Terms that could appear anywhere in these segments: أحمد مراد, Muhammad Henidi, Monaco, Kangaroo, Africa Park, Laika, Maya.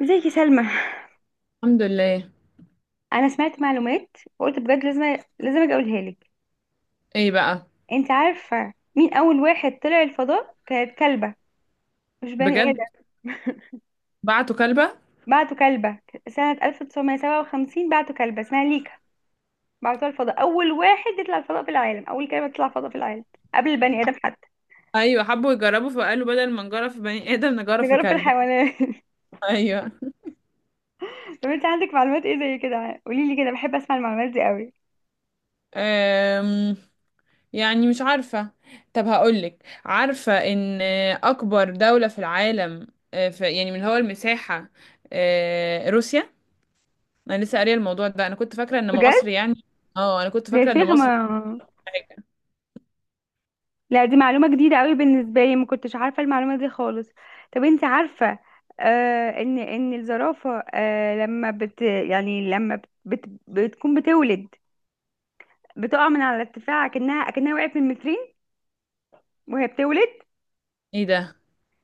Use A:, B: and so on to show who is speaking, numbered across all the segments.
A: ازيك يا سلمى؟
B: الحمد لله.
A: انا سمعت معلومات وقلت بجد لازم اجي اقولها لك.
B: ايه بقى؟
A: انت عارفه مين اول واحد طلع الفضاء؟ كانت كلبه، مش بني
B: بجد؟
A: ادم.
B: بعتوا كلبة؟
A: بعتوا كلبه سنه 1957، بعتوا كلبه اسمها ليكا، بعتوها الفضاء، اول واحد يطلع الفضاء في العالم، اول كلبه تطلع الفضاء في العالم قبل البني ادم حتى.
B: ايوه، حبوا يجربوا فقالوا بدل ما نجرب في بني ادم نجرب في
A: نجرب
B: كلبة.
A: بالحيوانات.
B: ايوه.
A: طب انت عندك معلومات ايه زي كده؟ قولي لي كده، بحب اسمع المعلومات دي قوي.
B: أم... يعني مش عارفة. طب هقولك، عارفة ان اكبر دولة في العالم، في يعني من هو المساحة، روسيا. انا لسه قارية الموضوع ده، انا كنت فاكرة ان مصر
A: بجد.
B: يعني، اه انا كنت
A: يا
B: فاكرة ان
A: شيخ ما.
B: مصر حاجة.
A: لا دي معلومة جديدة قوي بالنسبة لي، ما كنتش عارفة المعلومة دي خالص. طب انت عارفة؟ ان الزرافة لما بت يعني لما بت بت بتكون بتولد، بتقع من على ارتفاع كأنها وقعت من مترين وهي بتولد.
B: ايه ده؟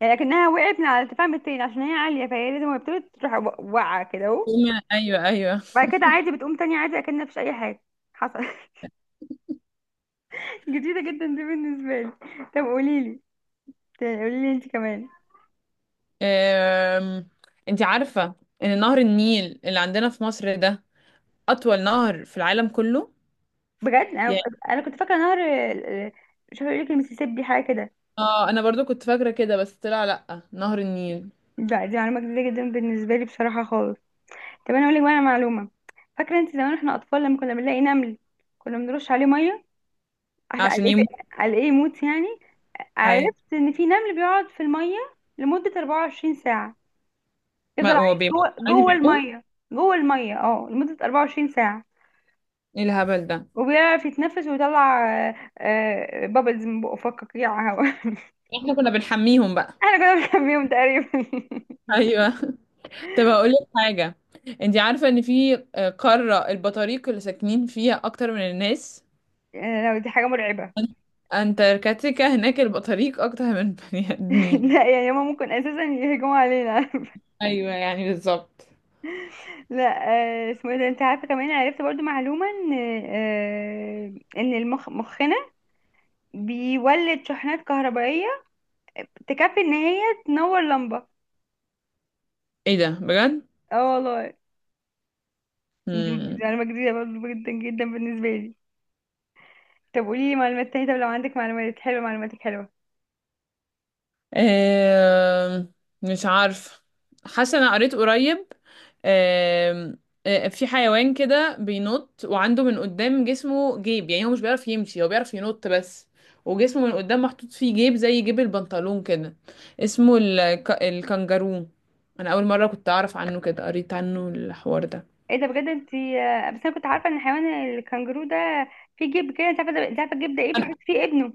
A: يعني كأنها وقعت من على ارتفاع مترين عشان هي عالية، فهي لازم وهي بتولد تروح واقعة كده اهو.
B: ايوه، ايوه.
A: بعد كده عادي بتقوم تاني عادي، اكنها مفيش أي حاجة حصل. جديدة جدا دي بالنسبة لي. طب قوليلي انت كمان.
B: أم... انت عارفة ان نهر النيل اللي عندنا في مصر ده اطول نهر في العالم كله
A: بجد انا
B: يعني.
A: انا كنت فاكره نهر، مش هقول لك المسيسيبي حاجه كده.
B: اه، انا برضو كنت فاكره كده بس طلع لا، نهر النيل.
A: لا دي معلومه جديده جدا بالنسبه لي بصراحه خالص. طب انا اقول لك بقى على معلومه، فاكره انت زمان احنا اطفال لما كنا بنلاقي نمل كنا بنرش عليه ميه، عشان على
B: عشان
A: ايه؟
B: يموت.
A: على ايه يموت يعني؟
B: اي.
A: عرفت ان في نمل بيقعد في الميه لمده 24 ساعه، يفضل
B: ما هو
A: عايش
B: بيموت
A: جوه
B: عادي
A: جوه
B: بيموت.
A: الميه، جوه الميه لمده 24 ساعه،
B: ايه الهبل ده؟
A: وبيعرف يتنفس ويطلع بابلز من بقه، فكك يا هوا.
B: احنا كنا بنحميهم بقى.
A: احنا كنا بنخبيهم تقريبا.
B: ايوه. طب هقول لك حاجه. انت عارفه ان في قاره البطاريق اللي ساكنين فيها اكتر من الناس.
A: يعني لو دي حاجة مرعبة.
B: أن- انتاركتيكا، هناك البطاريق اكتر من البني ادمين.
A: لا يعني هما ممكن اساسا يهجموا علينا.
B: ايوه، يعني بالظبط.
A: لا. اسمه ايه ده؟ انت عارفة كمان، عرفت برضو معلومة ان المخ، مخنا بيولد شحنات كهربائية تكفي ان هي تنور لمبة.
B: ايه ده بجد؟
A: اه والله. دي
B: مم.
A: معلومة جديدة برضو جدا جدا بالنسبة لي. طب قولي لي معلومات تانية، طب لو عندك معلومات حلوة، معلوماتك حلوة.
B: آم، مش عارف. حاسه انا قريت قريب. آم، آه، في حيوان كده بينط، وعنده من قدام جسمه جيب، يعني هو مش بيعرف يمشي، هو بيعرف ينط بس. وجسمه من قدام محطوط فيه جيب زي جيب البنطلون كده. اسمه الكنجارو. انا اول مره كنت اعرف عنه كده، قريت عنه الحوار ده.
A: ايه ده بجد. انت بس انا كنت عارفة ان حيوان الكنجرو ده في جيب كده. انت عارفة الجيب ده ايه؟
B: انا
A: بيحط فيه ابنه.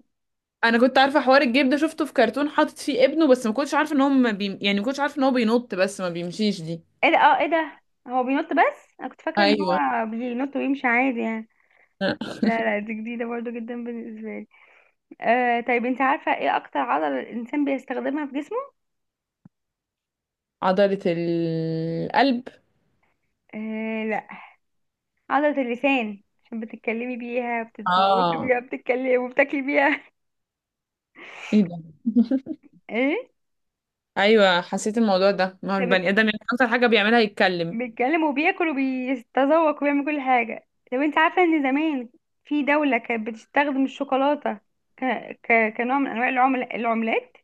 B: أنا كنت عارفه حوار الجيب ده، شفته في كرتون حاطط فيه ابنه، بس ما كنتش عارفه ان هو ما بي... يعني ما كنتش عارفه ان هو بينط بس ما بيمشيش دي.
A: ايه ده، ايه ده. هو بينط بس، انا كنت فاكره ان
B: ايوه،
A: هو بينط ويمشي عادي يعني. لا لا، دي جديده برضو جدا بالنسبه لي. طيب انت عارفه ايه اكتر عضله الانسان بيستخدمها في جسمه؟
B: عضلة القلب.
A: آه لا. عضله اللسان، عشان بتتكلمي بيها، بتتذوقي
B: اه،
A: بيها، بتتكلمي وبتاكلي بيها.
B: ايه ده؟
A: ايه
B: ايوه، حسيت الموضوع ده، ما هو
A: ده،
B: البني ادم يعني اكتر حاجة بيعملها يتكلم.
A: بيتكلم وبياكل وبيتذوق وبيعمل كل حاجه. طب انت عارفه ان زمان في دوله كانت بتستخدم الشوكولاته ك... كنوع من انواع العملات،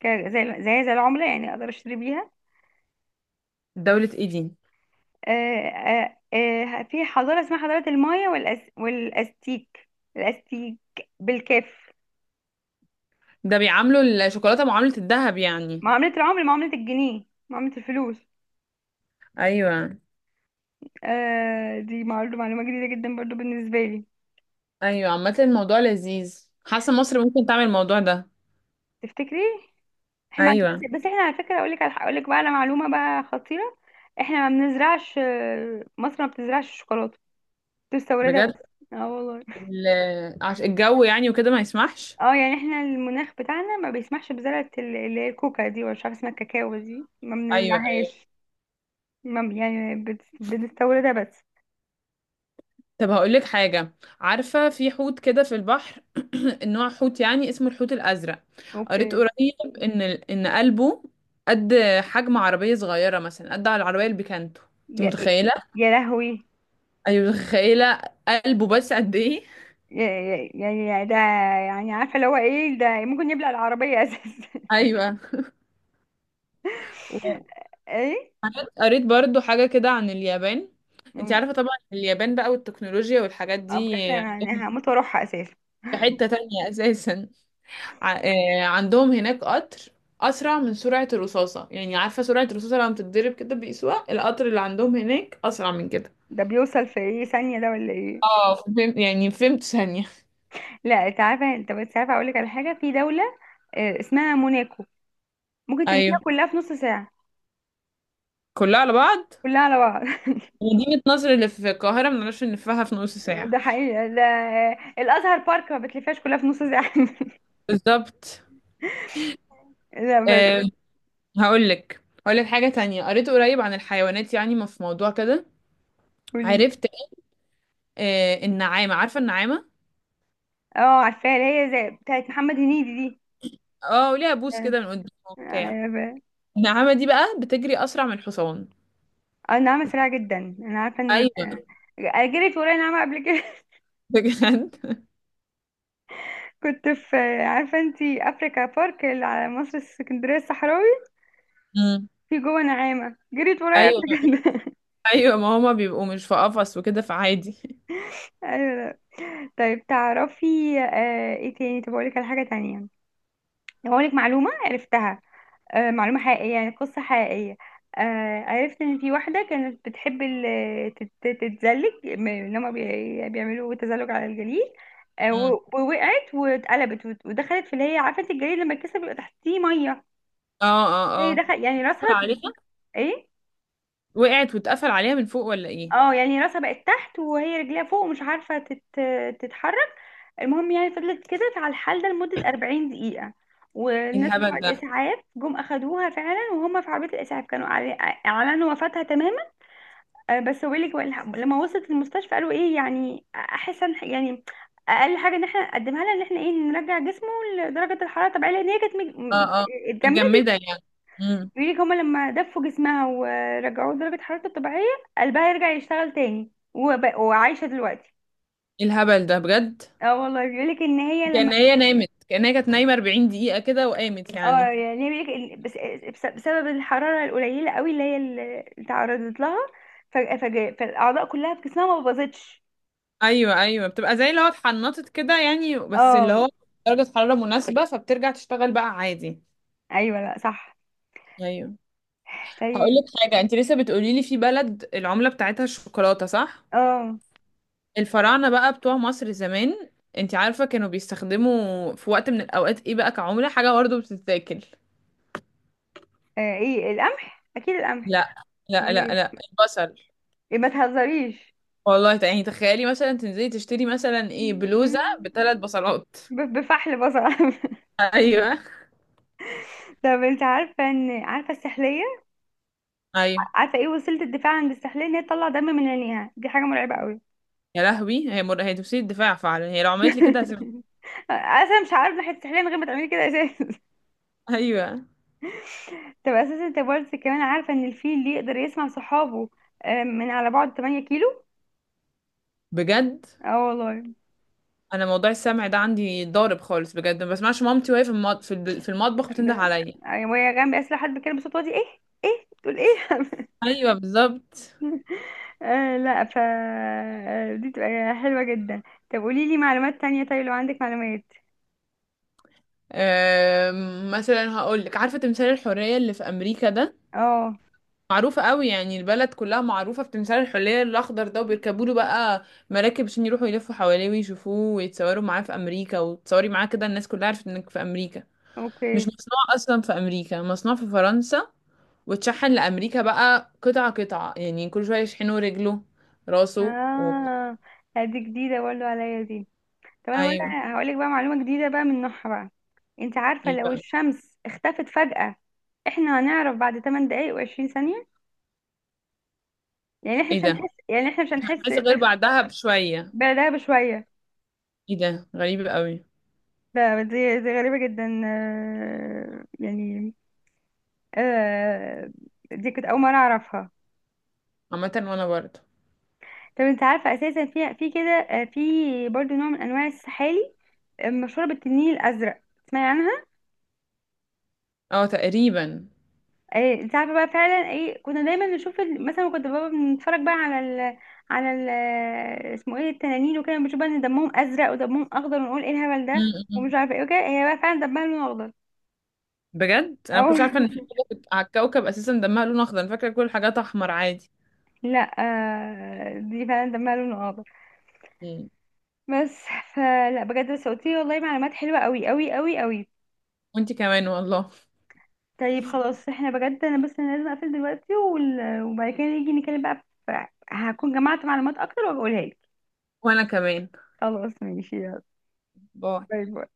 A: زي العمله، يعني اقدر اشتري بيها.
B: دولة ايه دي؟
A: آه، آه، في حضارة اسمها حضارة المايا والأستيك، الأستيك بالكاف.
B: ده بيعاملوا الشوكولاتة معاملة الذهب يعني؟
A: معاملة العمر، معاملة الجنيه، معاملة الفلوس.
B: ايوه،
A: دي معلومة جديدة جدا برضو بالنسبة لي.
B: ايوه. عامة الموضوع لذيذ، حاسة مصر ممكن تعمل الموضوع ده.
A: تفتكري؟ احنا بس,
B: ايوه،
A: بس احنا على فكرة، اقول لك بقى على معلومة بقى خطيرة. احنا ما بنزرعش، مصر ما بتزرعش الشوكولاتة، بتستوردها بس.
B: بجد؟
A: اه والله.
B: الجو يعني وكده ما يسمحش.
A: اه، يعني احنا المناخ بتاعنا ما بيسمحش بزراعة اللي هي الكوكا دي، ولا مش عارفة اسمها، الكاكاو دي ما
B: ايوه، ايوه.
A: بنزرعهاش. بنستوردها بس.
B: طب هقول لك حاجة. عارفة في حوت كده في البحر، النوع حوت يعني، اسمه الحوت الأزرق. قريت
A: اوكي.
B: قريب إن قلبه قد حجم عربية صغيرة، مثلا قد على العربية البيكانتو. انت
A: يا إيه،
B: متخيلة؟
A: يا لهوي.
B: أيوة، متخيلة. قلبه بس قد إيه؟
A: يعني ده، يعني عارفه اللي هو ايه ده، ممكن يبلع العربيه اساسا.
B: أيوة.
A: ايه.
B: وقريت برضو حاجة كده عن اليابان. انت
A: أم-
B: عارفة طبعا اليابان بقى والتكنولوجيا والحاجات دي
A: أه بجد، انا
B: عندهم.
A: أنا هموت واروحها اساسا.
B: في حتة تانية أساسا. عندهم هناك قطر أسرع من سرعة الرصاصة. يعني عارفة سرعة الرصاصة لما بتتضرب كده بيقيسوها، القطر اللي عندهم هناك أسرع من كده.
A: ده بيوصل في ايه، ثانيه ده ولا ايه؟
B: اه، فهمت يعني، فهمت ثانية.
A: لا انت عارفه، انت بس عارفه اقول لك على حاجه. في دوله اسمها موناكو ممكن تلفيها
B: ايوه،
A: كلها في نص ساعه.
B: كلها على بعض.
A: كلها على بعض.
B: مدينة نصر اللي في القاهرة منعرفش نلفها في نص
A: ده
B: ساعة.
A: حقيقه ده، الازهر بارك ما بتلفهاش كلها في نص ساعه.
B: بالظبط.
A: لا بس.
B: أه. هقول لك اقول لك حاجة تانية. قريت قريب عن الحيوانات يعني، ما في موضوع كده.
A: قولي.
B: عرفت. النعامة، عارفة النعامة؟
A: اه، عارفاها، اللي هي زي بتاعت محمد هنيدي دي.
B: اه، وليها بوس
A: آه،
B: كده من قدام وبتاع.
A: آه،
B: النعامة دي بقى بتجري اسرع من الحصان.
A: النعمة سريعة جدا، انا عارفة ان
B: ايوه،
A: جريت ورايا نعمة قبل كده.
B: بجد.
A: كنت في، عارفة انتي افريكا بارك اللي على مصر السكندرية الصحراوي؟
B: امم.
A: في جوه نعامة جريت ورايا قبل
B: ايوه،
A: كده.
B: ايوه، ما هما بيبقوا مش في قفص وكده فعادي.
A: ايوه، لا. طيب تعرفي؟ ايه تاني؟ طب اقولك على حاجة تانية، هقولك معلومة عرفتها. معلومة حقيقية، يعني قصة حقيقية. عرفت ان في واحدة كانت بتحب تتزلج، ان هما بيعملوا تزلج على الجليد.
B: امم.
A: ووقعت واتقلبت ودخلت في، اللي هي عارفة انت الجليد لما يتكسر بيبقى تحتيه مية.
B: اه،
A: هي
B: اه.
A: دخل يعني راسها
B: اه،
A: ايه.
B: وقعت واتقفل عليها من فوق ولا ايه؟
A: اه، يعني راسها بقت تحت وهي رجليها فوق، ومش عارفة تتحرك. المهم يعني فضلت كده على الحال ده لمدة 40 دقيقة،
B: إيه
A: والناس بتوع
B: الهبل ده؟
A: الإسعاف جم أخدوها فعلا، وهم في عربية الإسعاف كانوا أعلنوا وفاتها تماما. بس ويلي كمان، لما وصلت المستشفى قالوا ايه؟ يعني احس ان يعني اقل حاجه ان احنا نقدمها لها، ان احنا ايه نرجع جسمه لدرجه الحراره الطبيعيه، لان هي كانت
B: اه، اه،
A: اتجمدت.
B: متجمدة يعني. امم.
A: بيقول لك هما لما دفوا جسمها ورجعوه لدرجه حرارته الطبيعيه، قلبها يرجع يشتغل تاني وعايشه دلوقتي.
B: إيه الهبل ده بجد!
A: اه والله، بيقول لك ان هي لما،
B: كأن هي كانت نايمة 40 دقيقة كده وقامت
A: اه
B: يعني.
A: يعني بيقول لك إن بسبب الحراره القليله قوي اللي هي اللي تعرضت لها، فالاعضاء كلها في جسمها ما باظتش.
B: ايوه، ايوه، بتبقى زي اللي هو اتحنطت كده يعني، بس اللي
A: اه،
B: هو درجة حرارة مناسبة فبترجع تشتغل بقى عادي.
A: ايوه، لا، صح.
B: ايوه. هقول
A: طيب.
B: لك حاجة. انت لسه بتقولي لي في بلد العملة بتاعتها الشوكولاتة، صح؟
A: اه،
B: الفراعنة بقى بتوع مصر زمان، انت عارفة كانوا بيستخدموا في وقت من الاوقات ايه بقى كعملة؟ حاجة برضه بتتاكل.
A: ايه؟ القمح، اكيد القمح.
B: لا، لا،
A: امال
B: لا،
A: ايه؟
B: لا، البصل.
A: إيه، ما تهزريش.
B: والله، يعني تخيلي مثلا تنزلي تشتري مثلا ايه، بلوزة بثلاث بصلات.
A: بفحل بصل.
B: ايوه،
A: طب انت عارفه ان، عارفه السحليه؟
B: ايوه.
A: عارفه ايه وسيله الدفاع عند السحليه؟ ان هي تطلع دم من عينيها، دي حاجه مرعبه قوي.
B: يا لهوي! هي تفسير الدفاع فعلا، هي لو عملت لي كده هسيبها.
A: اصلا مش عارف ناحيه السحليه من غير ما تعملي كده اساسا.
B: ايوه،
A: طب اساسا، انت برضه كمان عارفه ان الفيل اللي يقدر يسمع صحابه من على بعد 8 كيلو.
B: بجد.
A: اه والله.
B: انا موضوع السمع ده عندي ضارب خالص بجد، ما بسمعش مامتي وهي في في المطبخ
A: ب...
B: بتنده عليا.
A: وهي جنبي اساسا، لو حد بيتكلم بصوت واطي، ايه؟ ايه تقول، ايه؟
B: ايوه، بالظبط.
A: لا، ف دي تبقى حلوة جدا. طب قولي لي معلومات تانية، طيب لو عندك معلومات.
B: مثلا هقول لك، عارفة تمثال الحرية اللي في امريكا ده؟
A: اه،
B: معروفة قوي يعني، البلد كلها معروفة بتمثال الحلية الأخضر ده، وبيركبوا له بقى مراكب عشان يروحوا يلفوا حواليه ويشوفوه ويتصوروا معاه في أمريكا، وتصوري معاه كده الناس كلها عرفت إنك في أمريكا. مش
A: اوكي،
B: مصنوع أصلا في أمريكا، مصنوع في فرنسا وتشحن لأمريكا بقى قطعة قطعة، يعني كل شوية يشحنوا رجله، راسه
A: اه. لا، دي جديدة برضه عليا دي. طب انا بقول،
B: أيوه.
A: هقول لك بقى معلومة جديدة بقى من نوعها بقى. انت عارفة
B: ايه
A: لو
B: بقى؟
A: الشمس اختفت فجأة، احنا هنعرف بعد 8 دقايق و20 ثانية،
B: ايه ده؟
A: يعني احنا مش هنحس
B: عايزة غير بعدها بشوية.
A: بردها بشوية.
B: ايه ده غريب قوي.
A: ده دي دي غريبة جدا، يعني آه، دي كنت أول مرة أعرفها.
B: عامة وأنا برضه.
A: طب انت عارفه اساسا في كده، في برضو نوع من انواع السحالي مشهوره بالتنين الازرق، تسمعي عنها؟
B: اه، تقريبا.
A: انت عارفه بقى فعلا، ايه كنا دايما نشوف مثلا كنت بابا بنتفرج بقى على ال على ال آه، اسمه ايه؟ التنانين وكده، بنشوف بقى ان دمهم ازرق ودمهم اخضر، ونقول ايه الهبل ده
B: إمم، إمم.
A: ومش عارفه ايه وكده، هي بقى فعلا دمها لون اخضر.
B: بجد انا
A: او.
B: ما كنتش عارفه ان في حاجه على الكوكب اساسا دمها لون اخضر، انا فاكره كل الحاجات احمر عادي.
A: لا دي فعلا دمها لون اخضر
B: مم.
A: بس. فلا بجد، بس قلتيلي والله معلومات حلوه قوي قوي قوي قوي.
B: وانتي كمان والله.
A: طيب خلاص، احنا بجد، انا بس انا لازم اقفل دلوقتي وبعد كده نيجي نتكلم بقى. هكون جمعت معلومات اكتر وبقولها لك.
B: وانا كمان.
A: خلاص ماشي، يلا،
B: باي.
A: باي باي.